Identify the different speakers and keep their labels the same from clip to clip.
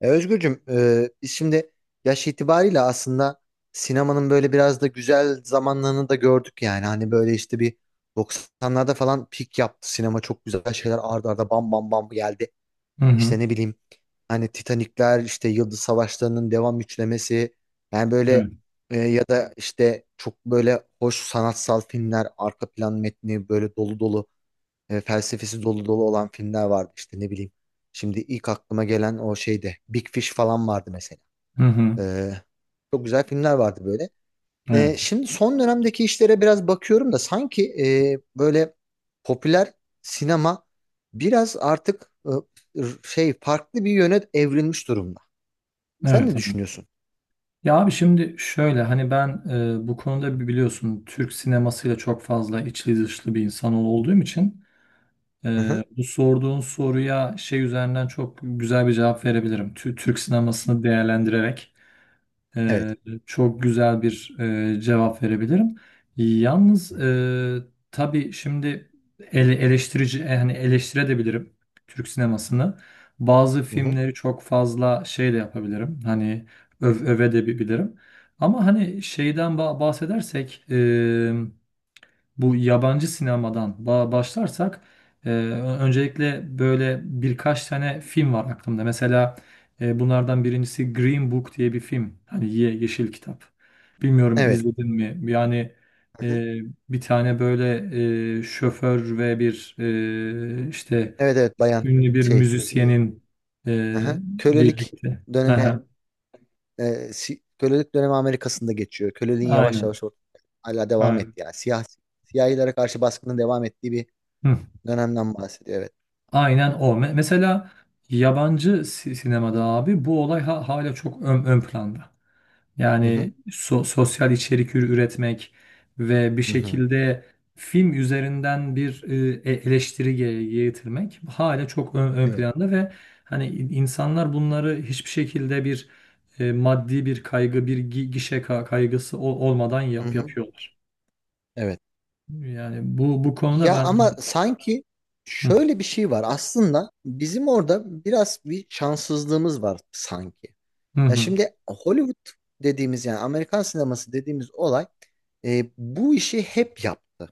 Speaker 1: E, Özgürcüm, biz şimdi yaş itibariyle aslında sinemanın böyle biraz da güzel zamanlarını da gördük yani. Hani böyle işte bir doksanlarda falan pik yaptı. Sinema çok güzel şeyler ardarda arda bam bam bam geldi.
Speaker 2: Hı hı.
Speaker 1: İşte ne bileyim hani Titanikler, işte Yıldız Savaşları'nın devam üçlemesi. Yani böyle
Speaker 2: Evet.
Speaker 1: ya da işte çok böyle hoş sanatsal filmler, arka plan metni böyle dolu dolu, felsefesi dolu dolu olan filmler vardı işte ne bileyim. Şimdi ilk aklıma gelen o şeyde Big Fish falan vardı mesela.
Speaker 2: Hı hı.
Speaker 1: E, çok güzel filmler vardı böyle.
Speaker 2: Evet.
Speaker 1: E, şimdi son dönemdeki işlere biraz bakıyorum da sanki böyle popüler sinema biraz artık e, şey farklı bir yöne evrilmiş durumda. Sen ne
Speaker 2: Evet abi.
Speaker 1: düşünüyorsun?
Speaker 2: Ya abi şimdi şöyle hani ben bu konuda biliyorsun Türk sinemasıyla çok fazla içli dışlı bir insan olduğum için
Speaker 1: Hı
Speaker 2: e,
Speaker 1: hı.
Speaker 2: bu sorduğun soruya şey üzerinden çok güzel bir cevap verebilirim. Türk sinemasını değerlendirerek.
Speaker 1: Evet.
Speaker 2: Ee, Çok güzel bir cevap verebilirim. Yalnız tabii şimdi eleştirici yani eleştirebilirim Türk sinemasını. Bazı
Speaker 1: Hı hı.
Speaker 2: filmleri çok fazla şey de yapabilirim. Hani öve de bilirim. Ama hani şeyden bahsedersek bu yabancı sinemadan başlarsak, öncelikle böyle birkaç tane film var aklımda. Mesela bunlardan birincisi Green Book diye bir film. Hani yeşil kitap. Bilmiyorum
Speaker 1: Evet.
Speaker 2: izledin mi? Yani
Speaker 1: Hı hı.
Speaker 2: e, bir tane böyle şoför ve bir işte
Speaker 1: Evet evet, bayan
Speaker 2: ünlü bir
Speaker 1: şey,
Speaker 2: müzisyenin
Speaker 1: hı
Speaker 2: e,
Speaker 1: hı. Kölelik
Speaker 2: birlikte.
Speaker 1: dönemi, kölelik dönemi Amerika'sında geçiyor. Köleliğin yavaş
Speaker 2: Aynen.
Speaker 1: yavaş ortaya hala devam
Speaker 2: Aynen.
Speaker 1: etti yani. Siyahilere karşı baskının devam ettiği bir dönemden bahsediyor, evet.
Speaker 2: Aynen o. Mesela yabancı sinemada abi bu olay hala çok ön planda.
Speaker 1: Hı hı.
Speaker 2: Yani sosyal içerik üretmek ve bir
Speaker 1: Hı hı.
Speaker 2: şekilde film üzerinden bir eleştiri getirmek hala çok ön
Speaker 1: Evet.
Speaker 2: planda ve hani insanlar bunları hiçbir şekilde bir maddi bir kaygı, bir gişe kaygısı olmadan
Speaker 1: Hı hı.
Speaker 2: yapıyorlar.
Speaker 1: Evet.
Speaker 2: Yani bu konuda
Speaker 1: Ya
Speaker 2: ben.
Speaker 1: ama sanki
Speaker 2: Hı
Speaker 1: şöyle bir şey var. Aslında bizim orada biraz bir şanssızlığımız var sanki.
Speaker 2: hı
Speaker 1: Ya
Speaker 2: hı
Speaker 1: şimdi Hollywood dediğimiz, yani Amerikan sineması dediğimiz olay, bu işi hep yaptı.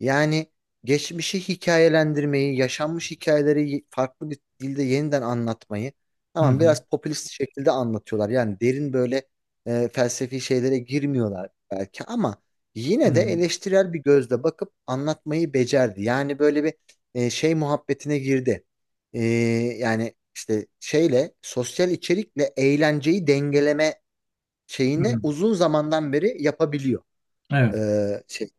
Speaker 1: Yani geçmişi hikayelendirmeyi, yaşanmış hikayeleri farklı bir dilde yeniden anlatmayı,
Speaker 2: hı
Speaker 1: tamam
Speaker 2: hı.
Speaker 1: biraz popülist şekilde anlatıyorlar. Yani derin böyle felsefi şeylere girmiyorlar belki ama yine de eleştirel bir gözle bakıp anlatmayı becerdi. Yani böyle bir şey muhabbetine girdi. E, yani işte şeyle, sosyal içerikle eğlenceyi dengeleme
Speaker 2: Hı
Speaker 1: şeyini
Speaker 2: hı.
Speaker 1: uzun zamandan beri yapabiliyor. E,
Speaker 2: Evet.
Speaker 1: şey,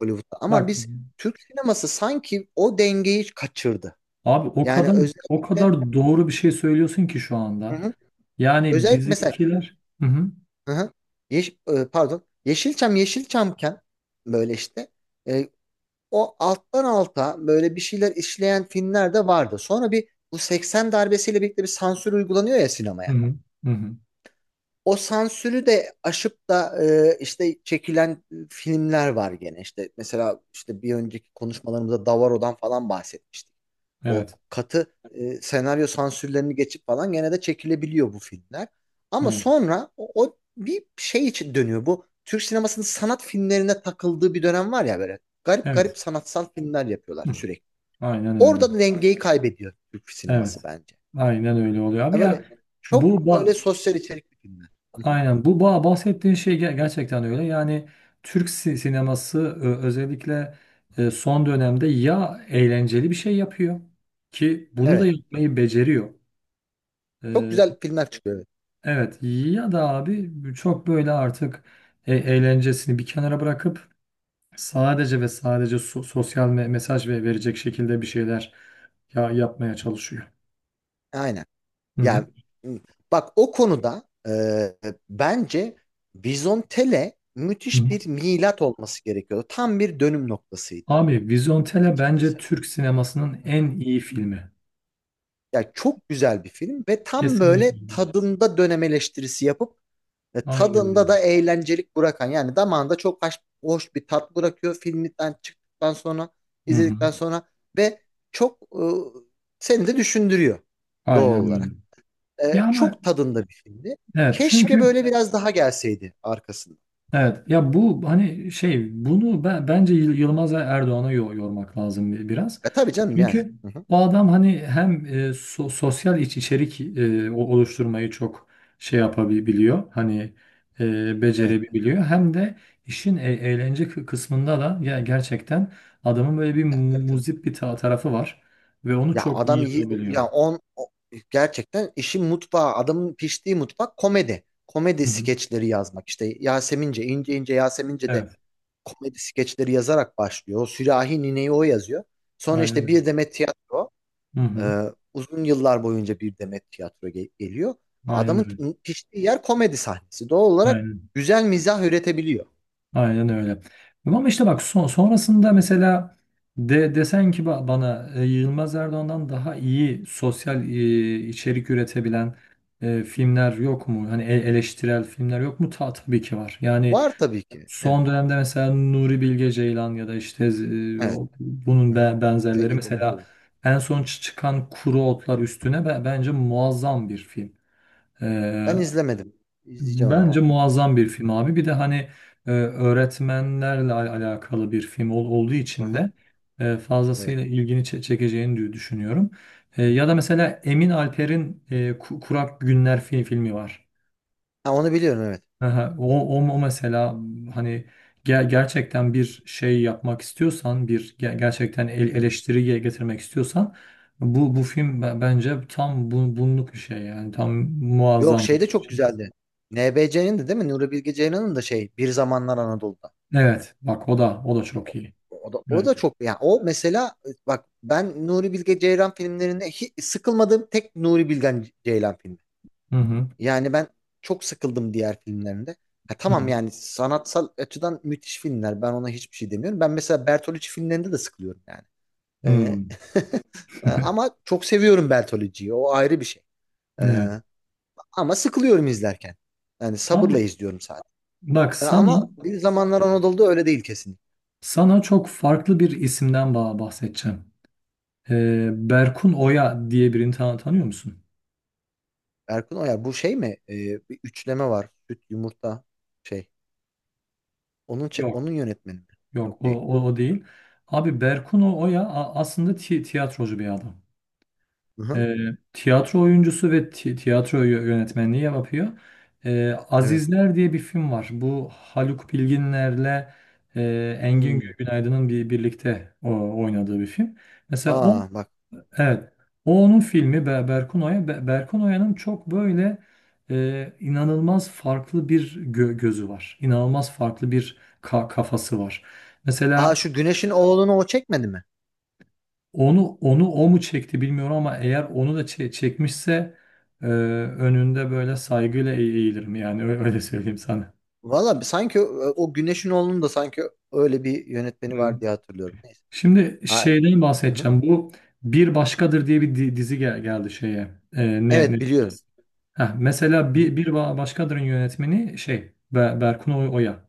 Speaker 1: Hollywood'da. Ama
Speaker 2: Bak
Speaker 1: biz Türk sineması sanki o dengeyi kaçırdı.
Speaker 2: abi o
Speaker 1: Yani
Speaker 2: kadar o
Speaker 1: özellikle,
Speaker 2: kadar doğru bir şey söylüyorsun ki şu
Speaker 1: hı
Speaker 2: anda.
Speaker 1: hı,
Speaker 2: Yani
Speaker 1: özellikle mesela,
Speaker 2: bizimkiler. Hı hı,
Speaker 1: hı hı, pardon, Yeşilçamken böyle işte e, o alttan alta böyle bir şeyler işleyen filmler de vardı. Sonra bir bu 80 darbesiyle birlikte bir sansür uygulanıyor ya
Speaker 2: hı
Speaker 1: sinemaya.
Speaker 2: hı, hı hı.
Speaker 1: O sansürü de aşıp da işte çekilen filmler var gene. İşte mesela işte bir önceki konuşmalarımızda Davaro'dan falan bahsetmiştik. O
Speaker 2: Evet.
Speaker 1: katı senaryo sansürlerini geçip falan gene de çekilebiliyor bu filmler. Ama
Speaker 2: Evet.
Speaker 1: sonra o bir şey için dönüyor. Bu Türk sinemasının sanat filmlerine takıldığı bir dönem var ya böyle. Garip
Speaker 2: Evet.
Speaker 1: garip sanatsal filmler yapıyorlar
Speaker 2: Hı.
Speaker 1: sürekli.
Speaker 2: Aynen öyle.
Speaker 1: Orada da dengeyi kaybediyor Türk sineması
Speaker 2: Evet.
Speaker 1: bence.
Speaker 2: Aynen öyle oluyor abi
Speaker 1: E
Speaker 2: ya.
Speaker 1: böyle,
Speaker 2: Bu
Speaker 1: çok böyle
Speaker 2: ba-
Speaker 1: sosyal içerikli filmler. Hı hı.
Speaker 2: aynen bu bahsettiğin şey gerçekten öyle. Yani Türk sineması özellikle son dönemde ya eğlenceli bir şey yapıyor ki bunu da
Speaker 1: Evet.
Speaker 2: yapmayı beceriyor.
Speaker 1: Çok
Speaker 2: E,
Speaker 1: güzel filmler çıkıyor. Evet.
Speaker 2: Evet ya da abi çok böyle artık eğlencesini bir kenara bırakıp sadece ve sadece sosyal mesaj ve verecek şekilde bir şeyler yapmaya çalışıyor.
Speaker 1: Aynen.
Speaker 2: Hı hı.
Speaker 1: Yani, m, bak o konuda, e, bence Vizontele
Speaker 2: Hı hı.
Speaker 1: müthiş bir milat olması gerekiyordu. Tam bir dönüm noktasıydı
Speaker 2: Abi Vizontele bence
Speaker 1: açıkçası.
Speaker 2: Türk sinemasının
Speaker 1: Hı
Speaker 2: en
Speaker 1: hı.
Speaker 2: iyi filmi.
Speaker 1: Yani çok güzel bir film ve tam böyle
Speaker 2: Kesinlikle.
Speaker 1: tadında dönem eleştirisi yapıp
Speaker 2: Aynen
Speaker 1: tadında
Speaker 2: öyle.
Speaker 1: da eğlencelik bırakan, yani damağında çok hoş, hoş bir tat bırakıyor filmden çıktıktan sonra,
Speaker 2: Hı hı.
Speaker 1: izledikten sonra, ve çok seni de düşündürüyor doğal
Speaker 2: Aynen öyle.
Speaker 1: olarak. E,
Speaker 2: Ya ama
Speaker 1: çok tadında bir filmdi.
Speaker 2: evet
Speaker 1: Keşke
Speaker 2: çünkü
Speaker 1: böyle biraz daha gelseydi arkasında.
Speaker 2: evet ya bu hani şey bunu ben, bence Yılmaz Erdoğan'a yormak lazım biraz.
Speaker 1: E tabii canım yani.
Speaker 2: Çünkü
Speaker 1: Hı hı.
Speaker 2: o adam hani hem sosyal içerik, oluşturmayı çok şey yapabiliyor. Hani
Speaker 1: Evet.
Speaker 2: becerebiliyor. Hem de işin eğlence kısmında da ya gerçekten adamın böyle bir
Speaker 1: Ya, tabii tabii.
Speaker 2: muzip bir tarafı var ve onu
Speaker 1: Ya
Speaker 2: çok iyi
Speaker 1: adam iyi
Speaker 2: yapabiliyor.
Speaker 1: ya, gerçekten işin mutfağı, adamın piştiği mutfak komedi. Komedi
Speaker 2: Hı hı.
Speaker 1: skeçleri yazmak, işte Yasemince, ince ince Yasemince de
Speaker 2: Evet.
Speaker 1: komedi skeçleri yazarak başlıyor. O sürahi nineyi o yazıyor. Sonra
Speaker 2: Aynen
Speaker 1: işte
Speaker 2: öyle.
Speaker 1: bir demet tiyatro.
Speaker 2: Hı hı.
Speaker 1: Ee, uzun yıllar boyunca bir demet tiyatro geliyor.
Speaker 2: Aynen
Speaker 1: Adamın
Speaker 2: öyle.
Speaker 1: piştiği yer komedi sahnesi. Doğal olarak
Speaker 2: Aynen.
Speaker 1: güzel mizah üretebiliyor.
Speaker 2: Aynen öyle. Ama işte bak sonrasında mesela desen ki bana, Yılmaz Erdoğan'dan daha iyi sosyal içerik üretebilen filmler yok mu? Hani eleştirel filmler yok mu? Tabii ki var. Yani
Speaker 1: Var tabii ki. Evet.
Speaker 2: son dönemde mesela Nuri Bilge Ceylan ya da işte,
Speaker 1: Evet. Hı
Speaker 2: bunun
Speaker 1: hı.
Speaker 2: benzerleri,
Speaker 1: Zeki
Speaker 2: mesela
Speaker 1: Demirkubuz.
Speaker 2: en son çıkan Kuru Otlar Üstüne bence muazzam bir film. E,
Speaker 1: Ben izlemedim. İzleyeceğim ama.
Speaker 2: Bence muazzam bir film abi. Bir de hani öğretmenlerle alakalı bir film olduğu
Speaker 1: Hı
Speaker 2: için
Speaker 1: hı.
Speaker 2: de
Speaker 1: Evet.
Speaker 2: fazlasıyla ilgini çekeceğini düşünüyorum.
Speaker 1: Hı hı.
Speaker 2: Ya da mesela Emin Alper'in Kurak Günler filmi var.
Speaker 1: Ha, onu biliyorum, evet.
Speaker 2: Aha, o mesela hani gerçekten bir şey yapmak istiyorsan, bir gerçekten
Speaker 1: Hı.
Speaker 2: eleştiriye getirmek istiyorsan bu film bence tam, bunluk bir şey, yani tam
Speaker 1: Yok
Speaker 2: muazzam
Speaker 1: şey,
Speaker 2: bir
Speaker 1: de çok
Speaker 2: şey.
Speaker 1: güzeldi. NBC'nin de değil mi? Nuri Bilge Ceylan'ın da şey, Bir Zamanlar Anadolu'da.
Speaker 2: Evet, bak o da o da çok iyi.
Speaker 1: O, o da
Speaker 2: Evet.
Speaker 1: çok, yani o mesela, bak, ben Nuri Bilge Ceylan filmlerinde hiç sıkılmadığım tek Nuri Bilge Ceylan filmi.
Speaker 2: Hı hı.
Speaker 1: Yani ben çok sıkıldım diğer filmlerinde. Ha,
Speaker 2: Hı
Speaker 1: tamam,
Speaker 2: hı.
Speaker 1: yani sanatsal açıdan müthiş filmler. Ben ona hiçbir şey demiyorum. Ben mesela Bertolucci filmlerinde de sıkılıyorum yani.
Speaker 2: Hı.
Speaker 1: Ee, ama çok seviyorum Bertolucci'yi. O ayrı bir şey. Ee,
Speaker 2: Evet.
Speaker 1: ama sıkılıyorum izlerken. Yani sabırla
Speaker 2: Abi
Speaker 1: izliyorum sadece.
Speaker 2: bak
Speaker 1: Ama Bir Zamanlar Anadolu'da öyle değil kesin.
Speaker 2: sana çok farklı bir isimden bahsedeceğim. Berkun Oya diye birini tanıyor musun?
Speaker 1: Erkun Oya bu şey mi? Bir üçleme var. Süt, yumurta, şey. Onun çe-
Speaker 2: Yok.
Speaker 1: onun yönetmeni mi?
Speaker 2: Yok,
Speaker 1: Yok değil.
Speaker 2: o değil. Abi Berkun Oya aslında tiyatrocu bir adam.
Speaker 1: Hı-hı.
Speaker 2: Ee, Tiyatro oyuncusu ve tiyatro yönetmenliği yapıyor.
Speaker 1: Evet.
Speaker 2: Azizler diye bir film var. Bu Haluk Bilginer'le Engin
Speaker 1: Hmm.
Speaker 2: Günaydın'ın birlikte oynadığı bir film. Mesela o.
Speaker 1: Aa bak.
Speaker 2: Evet. O onun filmi Berkun çok böyle, inanılmaz farklı bir gözü var. İnanılmaz farklı bir kafası var.
Speaker 1: Aa,
Speaker 2: Mesela
Speaker 1: şu Güneş'in oğlunu o çekmedi mi?
Speaker 2: onu o mu çekti bilmiyorum ama eğer onu da çekmişse, önünde böyle saygıyla eğilirim yani öyle söyleyeyim sana.
Speaker 1: Valla sanki o, Güneş'in oğlunun da sanki öyle bir yönetmeni
Speaker 2: Hı.
Speaker 1: var diye hatırlıyorum. Neyse.
Speaker 2: Şimdi
Speaker 1: Ha,
Speaker 2: şeyden
Speaker 1: hı hı.
Speaker 2: bahsedeceğim. Bir Başkadır diye bir dizi geldi şeye. E, ne
Speaker 1: Evet, biliyorum.
Speaker 2: Heh, mesela
Speaker 1: Hı hı.
Speaker 2: bir, ba- başkadır yönetmeni şey Berkun Oya.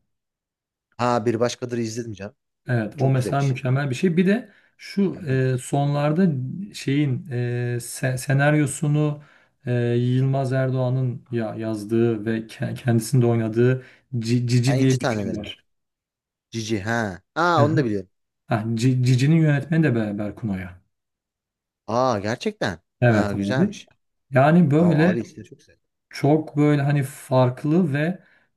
Speaker 1: Ha, bir başkadır izledim canım.
Speaker 2: Evet, o
Speaker 1: Çok güzel
Speaker 2: mesela
Speaker 1: iş.
Speaker 2: mükemmel bir şey. Bir de şu,
Speaker 1: Yani,
Speaker 2: sonlarda şeyin, senaryosunu, e, Yılmaz Erdoğan'ın yazdığı ve kendisinin de oynadığı
Speaker 1: ha,
Speaker 2: Cici
Speaker 1: İnci
Speaker 2: diye bir film
Speaker 1: Taneleri.
Speaker 2: var.
Speaker 1: Cici, ha.
Speaker 2: Hı
Speaker 1: Aa, onu da
Speaker 2: hı.
Speaker 1: biliyorum.
Speaker 2: Ha, Cici'nin yönetmeni de Berkun Oya.
Speaker 1: Aa, gerçekten.
Speaker 2: Evet
Speaker 1: Ha,
Speaker 2: abi.
Speaker 1: güzelmiş.
Speaker 2: Yani
Speaker 1: Ama
Speaker 2: böyle.
Speaker 1: abi işte çok güzel.
Speaker 2: Çok böyle hani farklı ve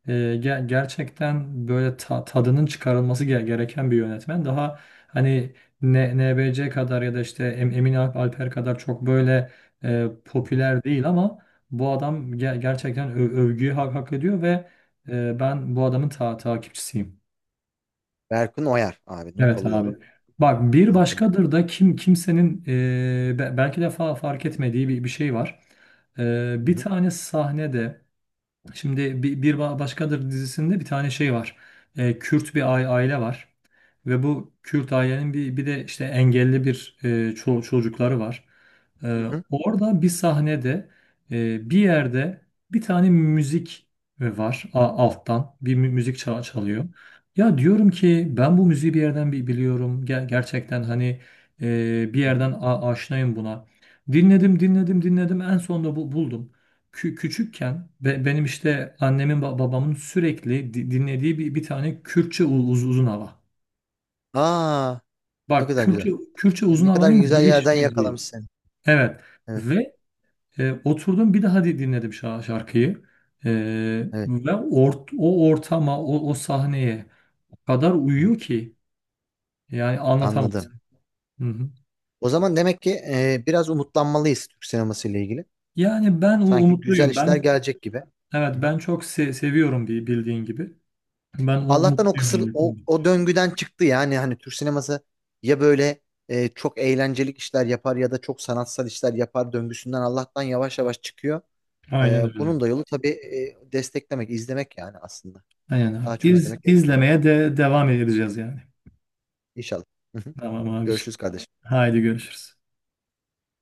Speaker 2: gerçekten böyle tadının çıkarılması gereken bir yönetmen. Daha hani NBC kadar ya da işte Emin Alper kadar çok böyle
Speaker 1: Hı hı.
Speaker 2: popüler değil ama bu adam gerçekten övgüyü hak ediyor ve ben bu adamın takipçisiyim.
Speaker 1: Berkun Oyar abi, not
Speaker 2: Evet abi.
Speaker 1: alıyorum.
Speaker 2: Bak bir
Speaker 1: Arkadaşı.
Speaker 2: başkadır da kimsenin belki de fark etmediği bir şey var. E,
Speaker 1: Hı
Speaker 2: bir
Speaker 1: hı.
Speaker 2: tane sahnede Şimdi Bir Başkadır dizisinde bir tane şey var. Kürt bir aile var. Ve bu Kürt ailenin bir de işte engelli bir çocukları var.
Speaker 1: Hı hı.
Speaker 2: Orada bir sahnede, bir yerde bir tane müzik var alttan. Bir müzik
Speaker 1: Hı hı.
Speaker 2: çalıyor. Ya diyorum ki ben bu müziği bir yerden biliyorum. Gerçekten hani, bir
Speaker 1: Hı hı.
Speaker 2: yerden aşinayım buna. Dinledim, dinledim, dinledim. En sonunda buldum, küçükken benim işte annemin babamın sürekli dinlediği bir tane Kürtçe uzun hava.
Speaker 1: Aa, ne
Speaker 2: Bak
Speaker 1: kadar güzel.
Speaker 2: Kürtçe
Speaker 1: Ya,
Speaker 2: uzun
Speaker 1: ne kadar
Speaker 2: havanın
Speaker 1: güzel
Speaker 2: giriş
Speaker 1: yerden
Speaker 2: müziği.
Speaker 1: yakalamış seni.
Speaker 2: Evet.
Speaker 1: Evet
Speaker 2: Ve oturdum bir daha dinledim şarkıyı. E,
Speaker 1: evet.
Speaker 2: ve o ortama, o sahneye o kadar
Speaker 1: Hı hı.
Speaker 2: uyuyor ki yani
Speaker 1: Anladım.
Speaker 2: anlatamazsın. Hı hı.
Speaker 1: O zaman demek ki, biraz umutlanmalıyız Türk sineması ile ilgili.
Speaker 2: Yani ben
Speaker 1: Sanki güzel
Speaker 2: umutluyum.
Speaker 1: işler
Speaker 2: Ben,
Speaker 1: gelecek gibi.
Speaker 2: evet,
Speaker 1: Hı hı.
Speaker 2: ben çok seviyorum bildiğin gibi. Ben u-
Speaker 1: Allah'tan o
Speaker 2: umutluyum.
Speaker 1: kısır, o,
Speaker 2: yani.
Speaker 1: o döngüden çıktı yani, hani Türk sineması ya böyle çok eğlencelik işler yapar ya da çok sanatsal işler yapar döngüsünden, Allah'tan yavaş yavaş çıkıyor.
Speaker 2: Aynen
Speaker 1: E,
Speaker 2: öyle.
Speaker 1: bunun da yolu tabii desteklemek, izlemek yani aslında.
Speaker 2: Aynen
Speaker 1: Daha
Speaker 2: abi.
Speaker 1: çok
Speaker 2: İz,
Speaker 1: izlemek gerekiyor.
Speaker 2: izlemeye de devam edeceğiz yani.
Speaker 1: İnşallah. Hı hı.
Speaker 2: Tamam abiciğim.
Speaker 1: Görüşürüz kardeşim.
Speaker 2: Haydi görüşürüz.